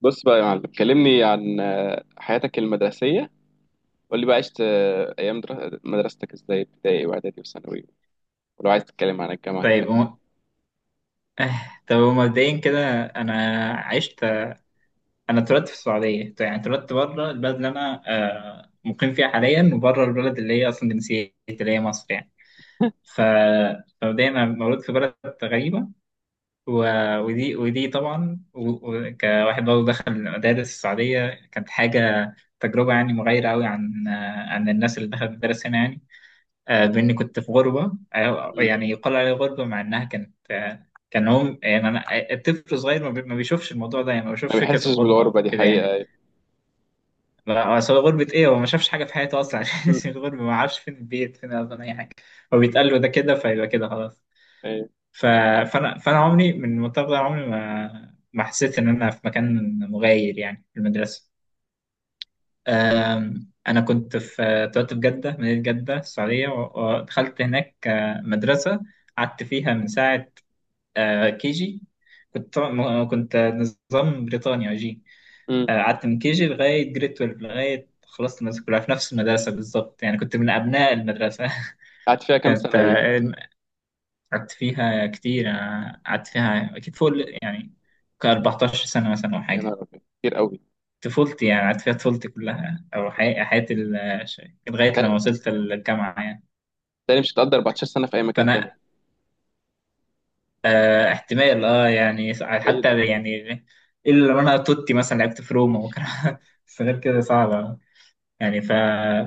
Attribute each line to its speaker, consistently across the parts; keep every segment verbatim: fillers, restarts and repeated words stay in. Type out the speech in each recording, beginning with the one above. Speaker 1: بص بقى يا معلم، كلمني عن آه، حياتك المدرسية. قول لي بقى، عشت آه، أيام در- مدرستك إزاي، ابتدائي وإعدادي وثانوي. ولو عايز تتكلم عن الجامعة
Speaker 2: طيب
Speaker 1: كده.
Speaker 2: هو- آه، طب هو مبدئيا كده انا عشت انا اتولدت في السعوديه. طيب، يعني اتولدت بره البلد اللي انا آه، مقيم فيها حاليا، وبره البلد اللي هي اصلا جنسيتي، اللي هي مصر يعني. ف فمبدئيا انا مولود في بلد غريبه، و... ودي ودي طبعا، و... و... كواحد برضه دخل مدارس السعوديه، كانت حاجه تجربه يعني مغايره قوي عن آه، عن الناس اللي دخلت مدارس هنا يعني. آه، بإني كنت في غربة، آه،
Speaker 1: مم.
Speaker 2: يعني يقال عليها غربة، مع إنها كانت آه، كان هم يعني أنا آه، الطفل الصغير ما بي- ما بيشوفش الموضوع ده، يعني ما
Speaker 1: ما
Speaker 2: بيشوفش فكرة
Speaker 1: بيحسش
Speaker 2: الغربة
Speaker 1: بالغربة دي
Speaker 2: وكده
Speaker 1: حقيقة،
Speaker 2: يعني.
Speaker 1: أيوة.
Speaker 2: لا، أصل هو غربة إيه؟ هو ما شافش حاجة في حياته أصلا عشان
Speaker 1: مم.
Speaker 2: اسم الغربة، ما عارفش فين البيت، فين أصلا أي حاجة. هو بيتقال له ده كده فيبقى كده خلاص.
Speaker 1: أيوة.
Speaker 2: ف... فأنا فأنا عمري من المنطقة ده، عمري ما ما حسيت إن أنا في مكان مغاير، يعني في المدرسة. آم، أنا كنت في طلعت في جدة، مدينة جدة السعودية، و- ودخلت هناك آه، مدرسة قعدت فيها من ساعة آه، كي جي. كنت طبعاً- م- كنت نظام بريطانيا جي.
Speaker 1: أمم.
Speaker 2: آه، قعدت من كي جي لغاية جريد اتناشر، لغاية خلصت المدرسة كلها في نفس المدرسة بالظبط، يعني كنت من أبناء المدرسة
Speaker 1: قعدت فيها كام
Speaker 2: كانت
Speaker 1: سنة دي؟
Speaker 2: آه، قعدت فيها كتير، أنا قعدت فيها أكيد فوق ال- يعني ك 14 سنة مثلا أو
Speaker 1: يا
Speaker 2: حاجة.
Speaker 1: نهار أبيض، كتير قوي.
Speaker 2: طفولتي، يعني قعدت فيها طفولتي كلها، او حي- حياتي ال- ش- لغايه لما
Speaker 1: تا-
Speaker 2: وصلت الجامعه يعني.
Speaker 1: تاني مش هتقدر 14 سنة في أي مكان تاني.
Speaker 2: فانا آه احتمال، اه يعني س-
Speaker 1: ده ايه ده؟
Speaker 2: حتى يعني، الا لو انا توتي مثلا لعبت في روما وكان بس غير كده صعبه يعني. ف...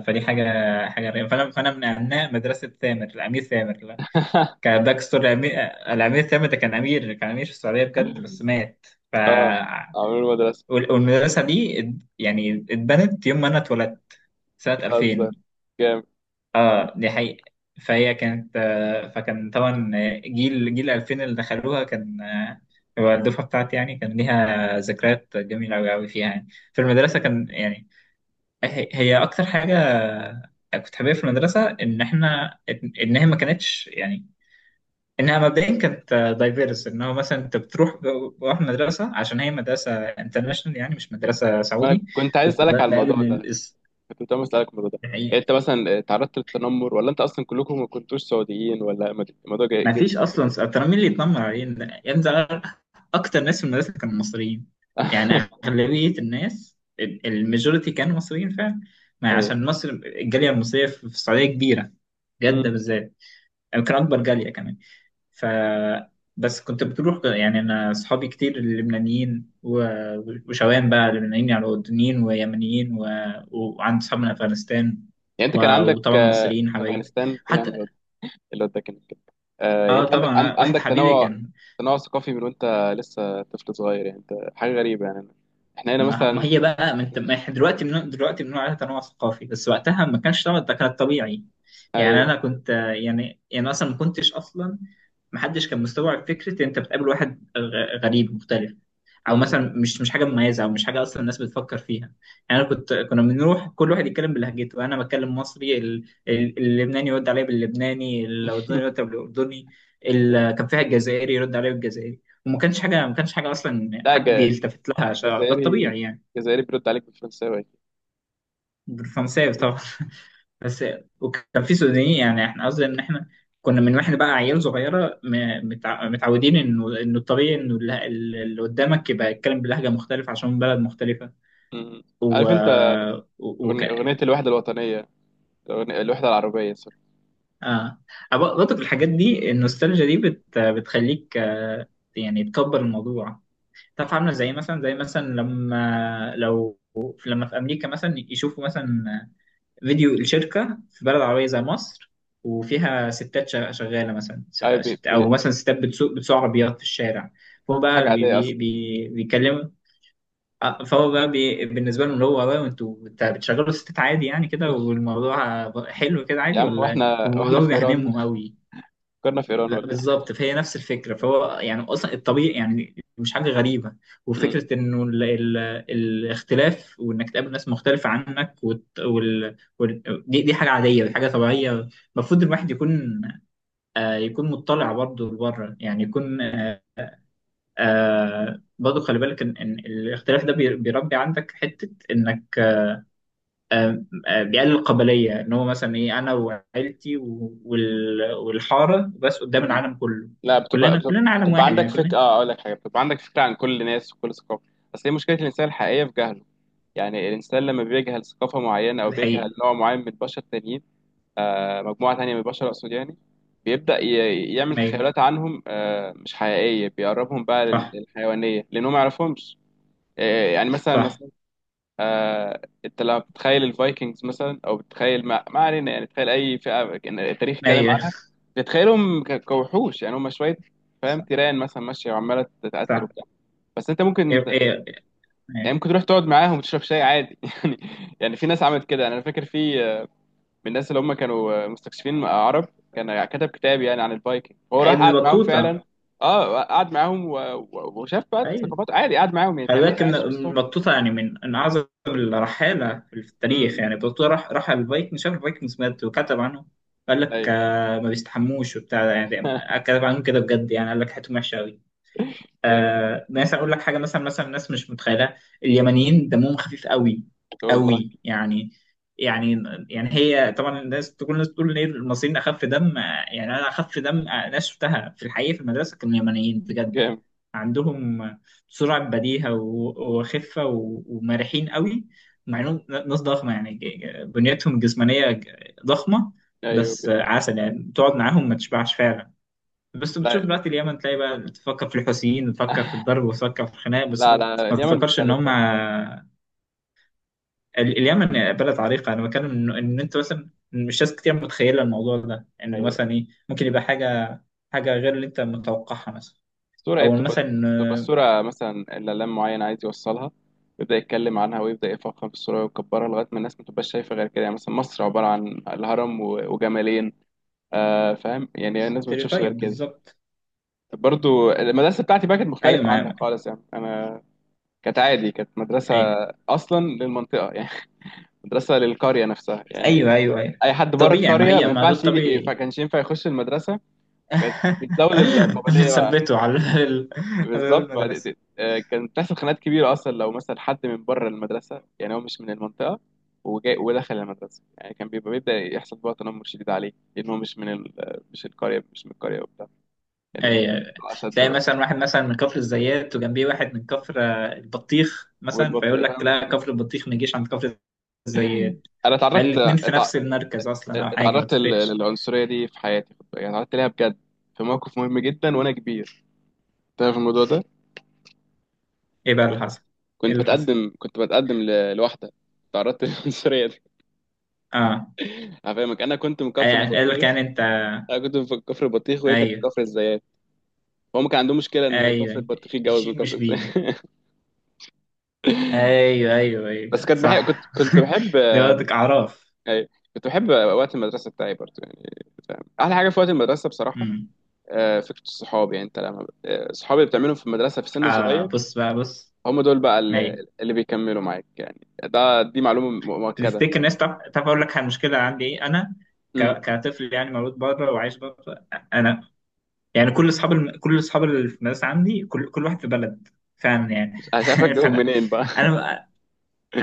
Speaker 2: فدي حاجه حاجه غريبه. فانا فانا من ابناء مدرسه ثامر، الامير ثامر. لا، كان باك ستوري الامير الامير ثامر ده كان امير كان امير في السعوديه بجد، بس مات. ف
Speaker 1: اه، عمرو المدرسة؟
Speaker 2: وال- والمدرسه دي ات- يعني اتبنت يوم ما انا اتولدت، سنة
Speaker 1: بتهزر.
Speaker 2: ألفين.
Speaker 1: جامد.
Speaker 2: اه، دي حقيقة. فهي كانت آه، فكان طبعا جيل جيل ألفين اللي دخلوها كان آه، هو الدفعة بتاعتي، يعني كان ليها ذكريات جميلة أوي أوي فيها، يعني في المدرسة كان يعني. هي هي أكتر حاجة كنت حاببها في المدرسة إن إحنا، إن هي ما كانتش يعني، إنها مبدئيا كانت دايفيرس. إن هو مثلا أنت بتروح بروح مدرسة عشان هي مدرسة انترناشونال، يعني مش مدرسة
Speaker 1: ما أنا
Speaker 2: سعودي.
Speaker 1: كنت عايز
Speaker 2: كنت
Speaker 1: أسألك على الموضوع
Speaker 2: بقابل
Speaker 1: ده، كنت عايز اسالك الموضوع ده. يعني
Speaker 2: الحقيقة.
Speaker 1: انت مثلا تعرضت للتنمر؟ ولا انت اصلا كلكم ما كنتوش سعوديين؟ ولا مد- الموضوع جاي
Speaker 2: ما
Speaker 1: جد؟
Speaker 2: فيش اصلا س- ترى مين اللي يتنمر علينا يا ابني ده؟ اكتر ناس في المدرسه كانوا مصريين، يعني اغلبيه الناس، الماجوريتي كانوا مصريين فعلا. ما
Speaker 1: أيوة.
Speaker 2: عشان مصر، الجاليه المصريه في في السعوديه كبيره. جده
Speaker 1: أمم.
Speaker 2: بالذات، يعني كان اكبر جاليه كمان. ف بس كنت بتروح، يعني انا اصحابي كتير لبنانيين، و- وشوام بقى، لبنانيين يعني، اردنيين ويمنيين، و... وعندي اصحاب من افغانستان،
Speaker 1: يعني
Speaker 2: و...
Speaker 1: انت كان عندك
Speaker 2: وطبعا
Speaker 1: آه،
Speaker 2: مصريين حبايبي
Speaker 1: افغانستان ايه يا عم؟
Speaker 2: حتى.
Speaker 1: الواد- الواد ده كان كده. آه، يعني
Speaker 2: اه
Speaker 1: انت عندك عن-
Speaker 2: طبعا، واحد
Speaker 1: عندك
Speaker 2: حبيبي
Speaker 1: تنوع.
Speaker 2: كان.
Speaker 1: تنوع ثقافي، من وانت لسه طفل صغير، يعني انت حاجه غريبه. يعني احنا هنا
Speaker 2: ما ما
Speaker 1: مثلا.
Speaker 2: هي بقى من، ما احنا دلوقتي من دلوقتي بنقول عليها تنوع ثقافي، بس وقتها ما كانش، طبعا ده كان طبيعي. يعني
Speaker 1: ايوه.
Speaker 2: انا كنت آه، يعني يعني اصلا ما كنتش، اصلا ما حدش كان مستوعب فكره انت بتقابل واحد غ- غريب مختلف. او
Speaker 1: أمم.
Speaker 2: مثلا مش مش حاجه مميزه، او مش حاجه اصلا الناس بتفكر فيها. يعني انا كنت كنا بنروح كل واحد يتكلم بلهجته، انا بتكلم مصري، ال- ال- اللبناني يرد عليا باللبناني، الاردني يرد عليا بالاردني. ال- كان فيها الجزائري يرد عليا بالجزائري، وما كانش حاجه، ما كانش حاجه اصلا
Speaker 1: لا،
Speaker 2: حد
Speaker 1: الج-
Speaker 2: بيلتفت لها عشان ده
Speaker 1: الجزائري
Speaker 2: الطبيعي يعني.
Speaker 1: الجزائري بيرد عليك بالفرنساوي.
Speaker 2: فرنساوي طبعا بس وكان في سودانيين، يعني احنا قصدي ان احنا كنا من، واحنا بقى عيال صغيره م- متع- متعودين انه انه الطبيعي انه الل- اللي قدامك يبقى يتكلم بلهجه مختلفه عشان بلد مختلفه.
Speaker 1: أمم.
Speaker 2: و,
Speaker 1: عارف انت،
Speaker 2: و... وك...
Speaker 1: أغني- اغنيه الوحده الوطنيه، الأغنية- الوحده العربيه، سوري.
Speaker 2: اه، أب- برضك الحاجات دي، النوستالجيا دي بت... بتخليك آه، يعني تكبر الموضوع. تعرف عامله زي مثلا، زي مثلا لما لو لما في امريكا مثلا يشوفوا مثلا فيديو الشركة في بلد عربية زي مصر، وفيها ستات شغ- شغالة مثلا، ش-
Speaker 1: ايوه،
Speaker 2: شت- أو مثلا ستات بتسوق بتسوق عربيات في الشارع. فهو
Speaker 1: حاجة
Speaker 2: بقى بي
Speaker 1: عادية
Speaker 2: بي
Speaker 1: أصلا.
Speaker 2: بي بيكلموا، آه، فهو بقى بي بالنسبة لهم، اللي هو "واو، انتوا بت- بتشغلوا ستات عادي يعني كده، والموضوع حلو كده
Speaker 1: يا
Speaker 2: عادي،
Speaker 1: عم
Speaker 2: ولا
Speaker 1: واحنا واحنا
Speaker 2: الموضوع
Speaker 1: في إيران،
Speaker 2: بيهممهم أوي؟"
Speaker 1: كنا في إيران
Speaker 2: لا،
Speaker 1: ولا إيه؟
Speaker 2: بالظبط، فهي نفس الفكره، فهو يعني اصلا الطبيعي، يعني مش حاجه غريبه.
Speaker 1: مم.
Speaker 2: وفكره انه ال ال الاختلاف، وانك تقابل ناس مختلفه عنك، وت وال وال دي, دي حاجه عاديه، دي حاجه طبيعيه. المفروض الواحد يكون آه يكون مطلع برضه لبره، يعني يكون آه برضه خلي بالك ان إن الاختلاف ده بي- بيربي عندك حته انك آه بيقلل القبليه، ان هو مثلا ايه، انا وعيلتي و- وال- والحاره بس، قدام
Speaker 1: مم.
Speaker 2: العالم كله.
Speaker 1: لا، بتبقى
Speaker 2: كلنا
Speaker 1: بتبقى,
Speaker 2: كلنا عالم
Speaker 1: بتبقى
Speaker 2: واحد،
Speaker 1: عندك
Speaker 2: يعني كلنا.
Speaker 1: فكرة، آه أقول لك حاجة، بتبقى عندك فكرة عن كل ناس وكل ثقافة. بس هي مشكلة الإنسان الحقيقية في جهله. يعني الإنسان لما بيجهل ثقافة معينة، أو
Speaker 2: دي
Speaker 1: بيجهل
Speaker 2: حقيقة.
Speaker 1: نوع معين من البشر التانيين، آه، مجموعة تانية من البشر أقصد، يعني بيبدأ ي- يعمل
Speaker 2: أيوة،
Speaker 1: تخيلات عنهم، آه، مش حقيقية، بيقربهم بقى لل-
Speaker 2: صح
Speaker 1: للحيوانية لأنهم ما يعرفهمش. آه، يعني مثلا،
Speaker 2: صح.
Speaker 1: مثلا آه، انت لما بتتخيل الفايكنجز مثلا، او بتتخيل، ما, ما علينا، يعني تخيل اي فئه كان التاريخ اتكلم
Speaker 2: أيوة،
Speaker 1: عنها، بتتخيلهم ك- كوحوش، يعني هم شويه، فاهم،
Speaker 2: صح
Speaker 1: تيران مثلا ماشيه وعماله تقتل
Speaker 2: صح.
Speaker 1: وبتاع. بس انت ممكن،
Speaker 2: إيه، إيه،
Speaker 1: يعني
Speaker 2: إيه.
Speaker 1: ممكن تروح تقعد معاهم وتشرب شاي عادي، يعني. يعني في ناس عملت كده، يعني انا فاكر في آه، من الناس اللي هم كانوا آه، مستكشفين آه، عرب، كان كتب كتاب يعني عن الفايكنج، فهو راح
Speaker 2: ابن
Speaker 1: قعد معاهم فعلا.
Speaker 2: بطوطة.
Speaker 1: اه، قعد معاهم و- و- وشاف بقى
Speaker 2: أيوه،
Speaker 1: ثقافات عادي، قعد معاهم يعني
Speaker 2: خلي
Speaker 1: كانه
Speaker 2: بالك
Speaker 1: كان
Speaker 2: إن
Speaker 1: عايش في
Speaker 2: ابن
Speaker 1: وسطهم.
Speaker 2: بطوطة يعني من من أعظم الرحالة في التاريخ.
Speaker 1: امم.
Speaker 2: يعني بطوطة راح راح الفايكنج، شاف الفايكنجز، مات وكتب عنه. قال لك
Speaker 1: ايوه.
Speaker 2: آه، ما بيستحموش وبتاع، يعني ده- يعني. كتب عنهم كده بجد، يعني قال لك حياتهم وحشة أوي.
Speaker 1: جامد.
Speaker 2: آه ناس، اقول لك حاجه. مثلا مثلا ناس مش متخيله، اليمنيين دمهم خفيف قوي،
Speaker 1: والله
Speaker 2: قوي يعني يعني يعني. هي طبعا الناس تقول الناس تقول ليه المصريين اخف دم، آه، يعني انا اخف دم، آه، ناس شفتها في الحقيقه في المدرسه كانوا يمنيين بجد.
Speaker 1: جامد.
Speaker 2: عندهم سرعه بديهه و- وخفه و- ومرحين قوي، مع انهم ناس ضخمه. يعني ج- بنيتهم الجسمانيه ج- ضخمه.
Speaker 1: ايوه.
Speaker 2: بس آه، عسل، يعني تقعد معاهم ما تشبعش فعلا. بس بتشوف
Speaker 1: لا،
Speaker 2: دلوقتي اليمن، تلاقي بقى بتفكر في الحوثيين، وتفكر في الضرب، وتفكر في الخناق. بس
Speaker 1: لا،
Speaker 2: ما
Speaker 1: لا،
Speaker 2: ما
Speaker 1: اليمن
Speaker 2: تفكرش ان هم
Speaker 1: مختلفه.
Speaker 2: ال- اليمن بلد عريقه. انا بتكلم ان إن انت مثلا، مش ناس كتير متخيله الموضوع ده، ان
Speaker 1: ايوه.
Speaker 2: مثلا ايه، ممكن يبقى حاجه حاجه غير اللي انت متوقعها، مثلا
Speaker 1: الصوره ايه
Speaker 2: او
Speaker 1: بتبقى؟ بتبقى
Speaker 2: مثلا.
Speaker 1: الصوره مثلا، الاعلام معين عايز يوصلها، يبدا يتكلم عنها ويبدا يفخم في الصوره ويكبرها لغايه ما الناس ما تبقاش شايفه غير كده. يعني مثلا مصر عباره عن الهرم و- وجمالين. آه فاهم، يعني الناس ما بتشوفش غير
Speaker 2: ستيريوتايب
Speaker 1: كده.
Speaker 2: بالظبط.
Speaker 1: برضو المدرسه بتاعتي بقى كانت
Speaker 2: ايوه،
Speaker 1: مختلفه عنك
Speaker 2: معايا.
Speaker 1: خالص، يعني انا كانت عادي، كانت مدرسه
Speaker 2: ايوه،
Speaker 1: اصلا للمنطقه، يعني مدرسه للقريه نفسها يعني.
Speaker 2: ايوه، ايوه، ايوه.
Speaker 1: اي حد بره
Speaker 2: طبيعي، ما
Speaker 1: القريه
Speaker 2: هي،
Speaker 1: ما
Speaker 2: ما ده
Speaker 1: ينفعش يجي، ما
Speaker 2: الطبيعي
Speaker 1: كانش ينفع يخش المدرسه. كانت بتزود القابليه بقى.
Speaker 2: بنثبته على ال- على
Speaker 1: بالظبط،
Speaker 2: المدرسه
Speaker 1: بعد- آه، كان بتحصل خناقات كبيره اصلا لو مثلا حد من بره المدرسه، يعني هو مش من المنطقه وجاي ودخل المدرسه، يعني كان بيبقى بيبدا يحصل بقى تنمر شديد عليه، لان هو مش من ال... مش القريه مش من القريه وبتاع. يعني كان
Speaker 2: اي.
Speaker 1: الموضوع اشد
Speaker 2: تلاقي
Speaker 1: بقى.
Speaker 2: مثلا واحد مثلا من كفر الزيات، وجنبيه واحد من كفر آه، البطيخ مثلا،
Speaker 1: والبط،
Speaker 2: فيقول لك
Speaker 1: فاهم.
Speaker 2: لا، كفر البطيخ ما يجيش عند كفر الزيات،
Speaker 1: انا
Speaker 2: مع
Speaker 1: اتعرضت
Speaker 2: الاتنين في
Speaker 1: اتع-
Speaker 2: نفس المركز اصلا، او حاجه ما
Speaker 1: اتعرضت لل-
Speaker 2: تفرقش.
Speaker 1: للعنصريه دي في حياتي، خد بالك. يعني اتعرضت ليها بجد، في موقف مهم جدا وانا كبير. تعرف الموضوع ده؟
Speaker 2: ايه بقى اللي حصل؟ ايه
Speaker 1: كنت
Speaker 2: اللي حصل؟
Speaker 1: بتقدم كنت بتقدم ل- لواحده. تعرضت للعنصريه دي.
Speaker 2: اه،
Speaker 1: انا فاهمك. انا كنت من
Speaker 2: أي-
Speaker 1: كفر
Speaker 2: قال لك
Speaker 1: البطيخ
Speaker 2: يعني انت.
Speaker 1: انا كنت من كفر البطيخ وهي كانت
Speaker 2: ايوه،
Speaker 1: من كفر الزيات. هم كان عندهم مشكله ان كفر
Speaker 2: ايوه.
Speaker 1: البطيخ يتجوز من
Speaker 2: الشين
Speaker 1: كفر
Speaker 2: مش بين.
Speaker 1: الزيات.
Speaker 2: ايوه، ايوه،
Speaker 1: بس
Speaker 2: ايوه،
Speaker 1: كنت بحب كنت
Speaker 2: صح
Speaker 1: كنت بحب
Speaker 2: ده
Speaker 1: آه،
Speaker 2: قصدك اعراف.
Speaker 1: أي- كنت بحب وقت المدرسه بتاعي برضه، يعني فاهم، احلى حاجه في وقت المدرسه بصراحه.
Speaker 2: امم.
Speaker 1: آه، فكره الصحاب. يعني انت لما آه، الصحاب اللي بتعملهم في المدرسه في سن
Speaker 2: اه،
Speaker 1: صغير،
Speaker 2: بص بقى بص.
Speaker 1: هم دول بقى اللي اللي بيكملوا معاك. يعني ده دي معلومه م- مؤكده.
Speaker 2: تفتكر الناس، تعرف، تعرف اقول لك المشكله عندي ايه، انا ك...
Speaker 1: امم.
Speaker 2: كطفل يعني، مولود بره وعايش بره. انا يعني كل اصحاب الم... كل اصحاب اللي في المدرسه عندي، كل كل واحد في بلد فعلا يعني
Speaker 1: مش عارف اجيبهم
Speaker 2: فانا
Speaker 1: منين بقى.
Speaker 2: انا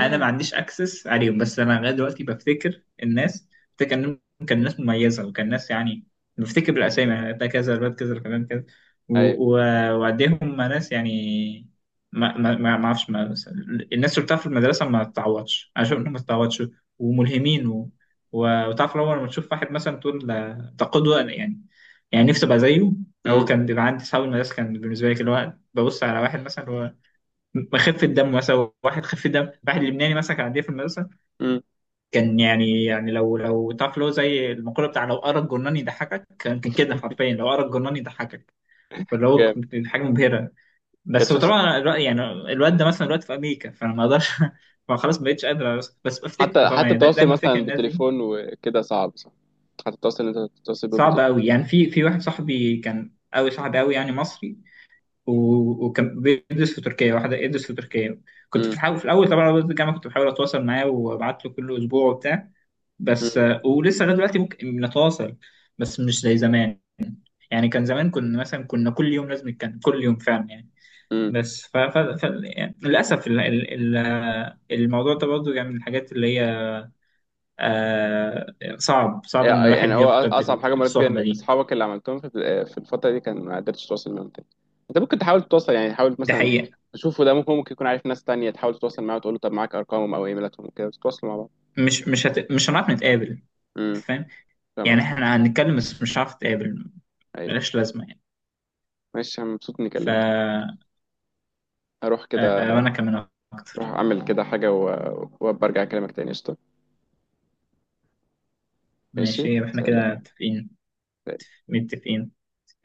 Speaker 2: انا ما عنديش اكسس عليهم. بس انا لغايه دلوقتي بفتكر الناس، بفتكر انهم كان ناس مميزه، وكان ناس يعني. بفتكر بالاسامي، يعني ده كذا الواد، كذا الفلان كذا،
Speaker 1: ايوه.
Speaker 2: و- و- وقديهم ناس يعني. ما ما ما ما اعرفش ما بس- الناس اللي بتعرف في المدرسه ما تتعوضش، انا شايف انهم ما تتعوضش، وملهمين. و... و- وتعرف لو لما تشوف واحد مثلا تقول ده ده قدوه، يعني يعني نفسي ابقى زيه. هو
Speaker 1: امم.
Speaker 2: كان بيبقى عندي صحاب المدرسه، كان بالنسبه لي كده، اللي هو ببص على واحد مثلا خفة دم مثلا، واحد خفة دم، واحد لبناني مثلا كان عندي في المدرسة.
Speaker 1: امم.
Speaker 2: كان يعني يعني لو لو تعرف اللي هو زي المقولة بتاع، لو قرا الجرنان يضحكك، كان كان كده حرفيا لو قرا الجرنان يضحكك. فاللي هو
Speaker 1: جامد.
Speaker 2: كانت حاجة مبهرة.
Speaker 1: كانت
Speaker 2: بس هو
Speaker 1: شخص.
Speaker 2: طبعا الواد- يعني الواد ده مثلا دلوقتي في أمريكا، فأنا ما أقدرش فخلاص ما بقتش قادر، بس, بس بفتكره
Speaker 1: حتى
Speaker 2: طبعا،
Speaker 1: حتى
Speaker 2: يعني دا-
Speaker 1: التواصل
Speaker 2: دايما فاكر
Speaker 1: مثلا
Speaker 2: الناس دي.
Speaker 1: بالتليفون وكده صعب، صح؟ حتى التواصل اللي انت تتواصل بيه
Speaker 2: صعبة
Speaker 1: بالتليفون.
Speaker 2: أوي، يعني في في واحد صاحبي كان أوي، صاحبي أوي يعني، مصري، و- وكان بيدرس في تركيا، واحد يدرس في تركيا. كنت
Speaker 1: امم.
Speaker 2: بحاول في الاول طبعا، وقت الجامعه كنت بحاول اتواصل معاه، وابعت له كل اسبوع وبتاع. بس
Speaker 1: امم.
Speaker 2: آه، ولسه لغايه دلوقتي ممكن نتواصل، بس مش زي زمان. يعني كان زمان كنا مثلا، كنا كل يوم لازم نتكلم كل يوم فعلا يعني.
Speaker 1: امم.
Speaker 2: بس ف... ف... ف... يعني للاسف ال... ال... ال... آه، الموضوع ده برضه يعني من الحاجات اللي هي آه صعب صعب ان
Speaker 1: يعني يعني
Speaker 2: الواحد
Speaker 1: هو أص-
Speaker 2: يفقد
Speaker 1: اصعب حاجه
Speaker 2: ال-
Speaker 1: مريت بيها، ان
Speaker 2: الصحبه
Speaker 1: انت
Speaker 2: دي.
Speaker 1: اصحابك اللي عملتهم في في الفتره دي كان ما قدرتش تتواصل معاهم تاني. انت ممكن تحاول تتواصل، يعني حاول
Speaker 2: دي
Speaker 1: مثلا
Speaker 2: حقيقه.
Speaker 1: تشوفه، ده ممكن ممكن يكون عارف ناس تانية، تحاول تتواصل معاه وتقول له، طب معاك ارقامهم او ايميلاتهم وكده تتواصلوا مع بعض.
Speaker 2: مش مش هت... مش هنعرف نتقابل.
Speaker 1: امم،
Speaker 2: فاهم؟
Speaker 1: فاهم
Speaker 2: يعني
Speaker 1: قصدك.
Speaker 2: احنا هنتكلم، بس مش هنعرف نتقابل،
Speaker 1: ايوه،
Speaker 2: ملهاش لازمة يعني.
Speaker 1: ماشي. انا مبسوط اني
Speaker 2: ف
Speaker 1: كلمتك. اروح
Speaker 2: آه،
Speaker 1: كده.
Speaker 2: وأنا كمان،
Speaker 1: اروح
Speaker 2: أكتر.
Speaker 1: اعمل كده حاجه، و- وابقى ارجع اكلمك تاني. قشطه.
Speaker 2: ماشي،
Speaker 1: ماشي.
Speaker 2: يبقى إحنا كده
Speaker 1: سلام.
Speaker 2: متفقين. متفقين.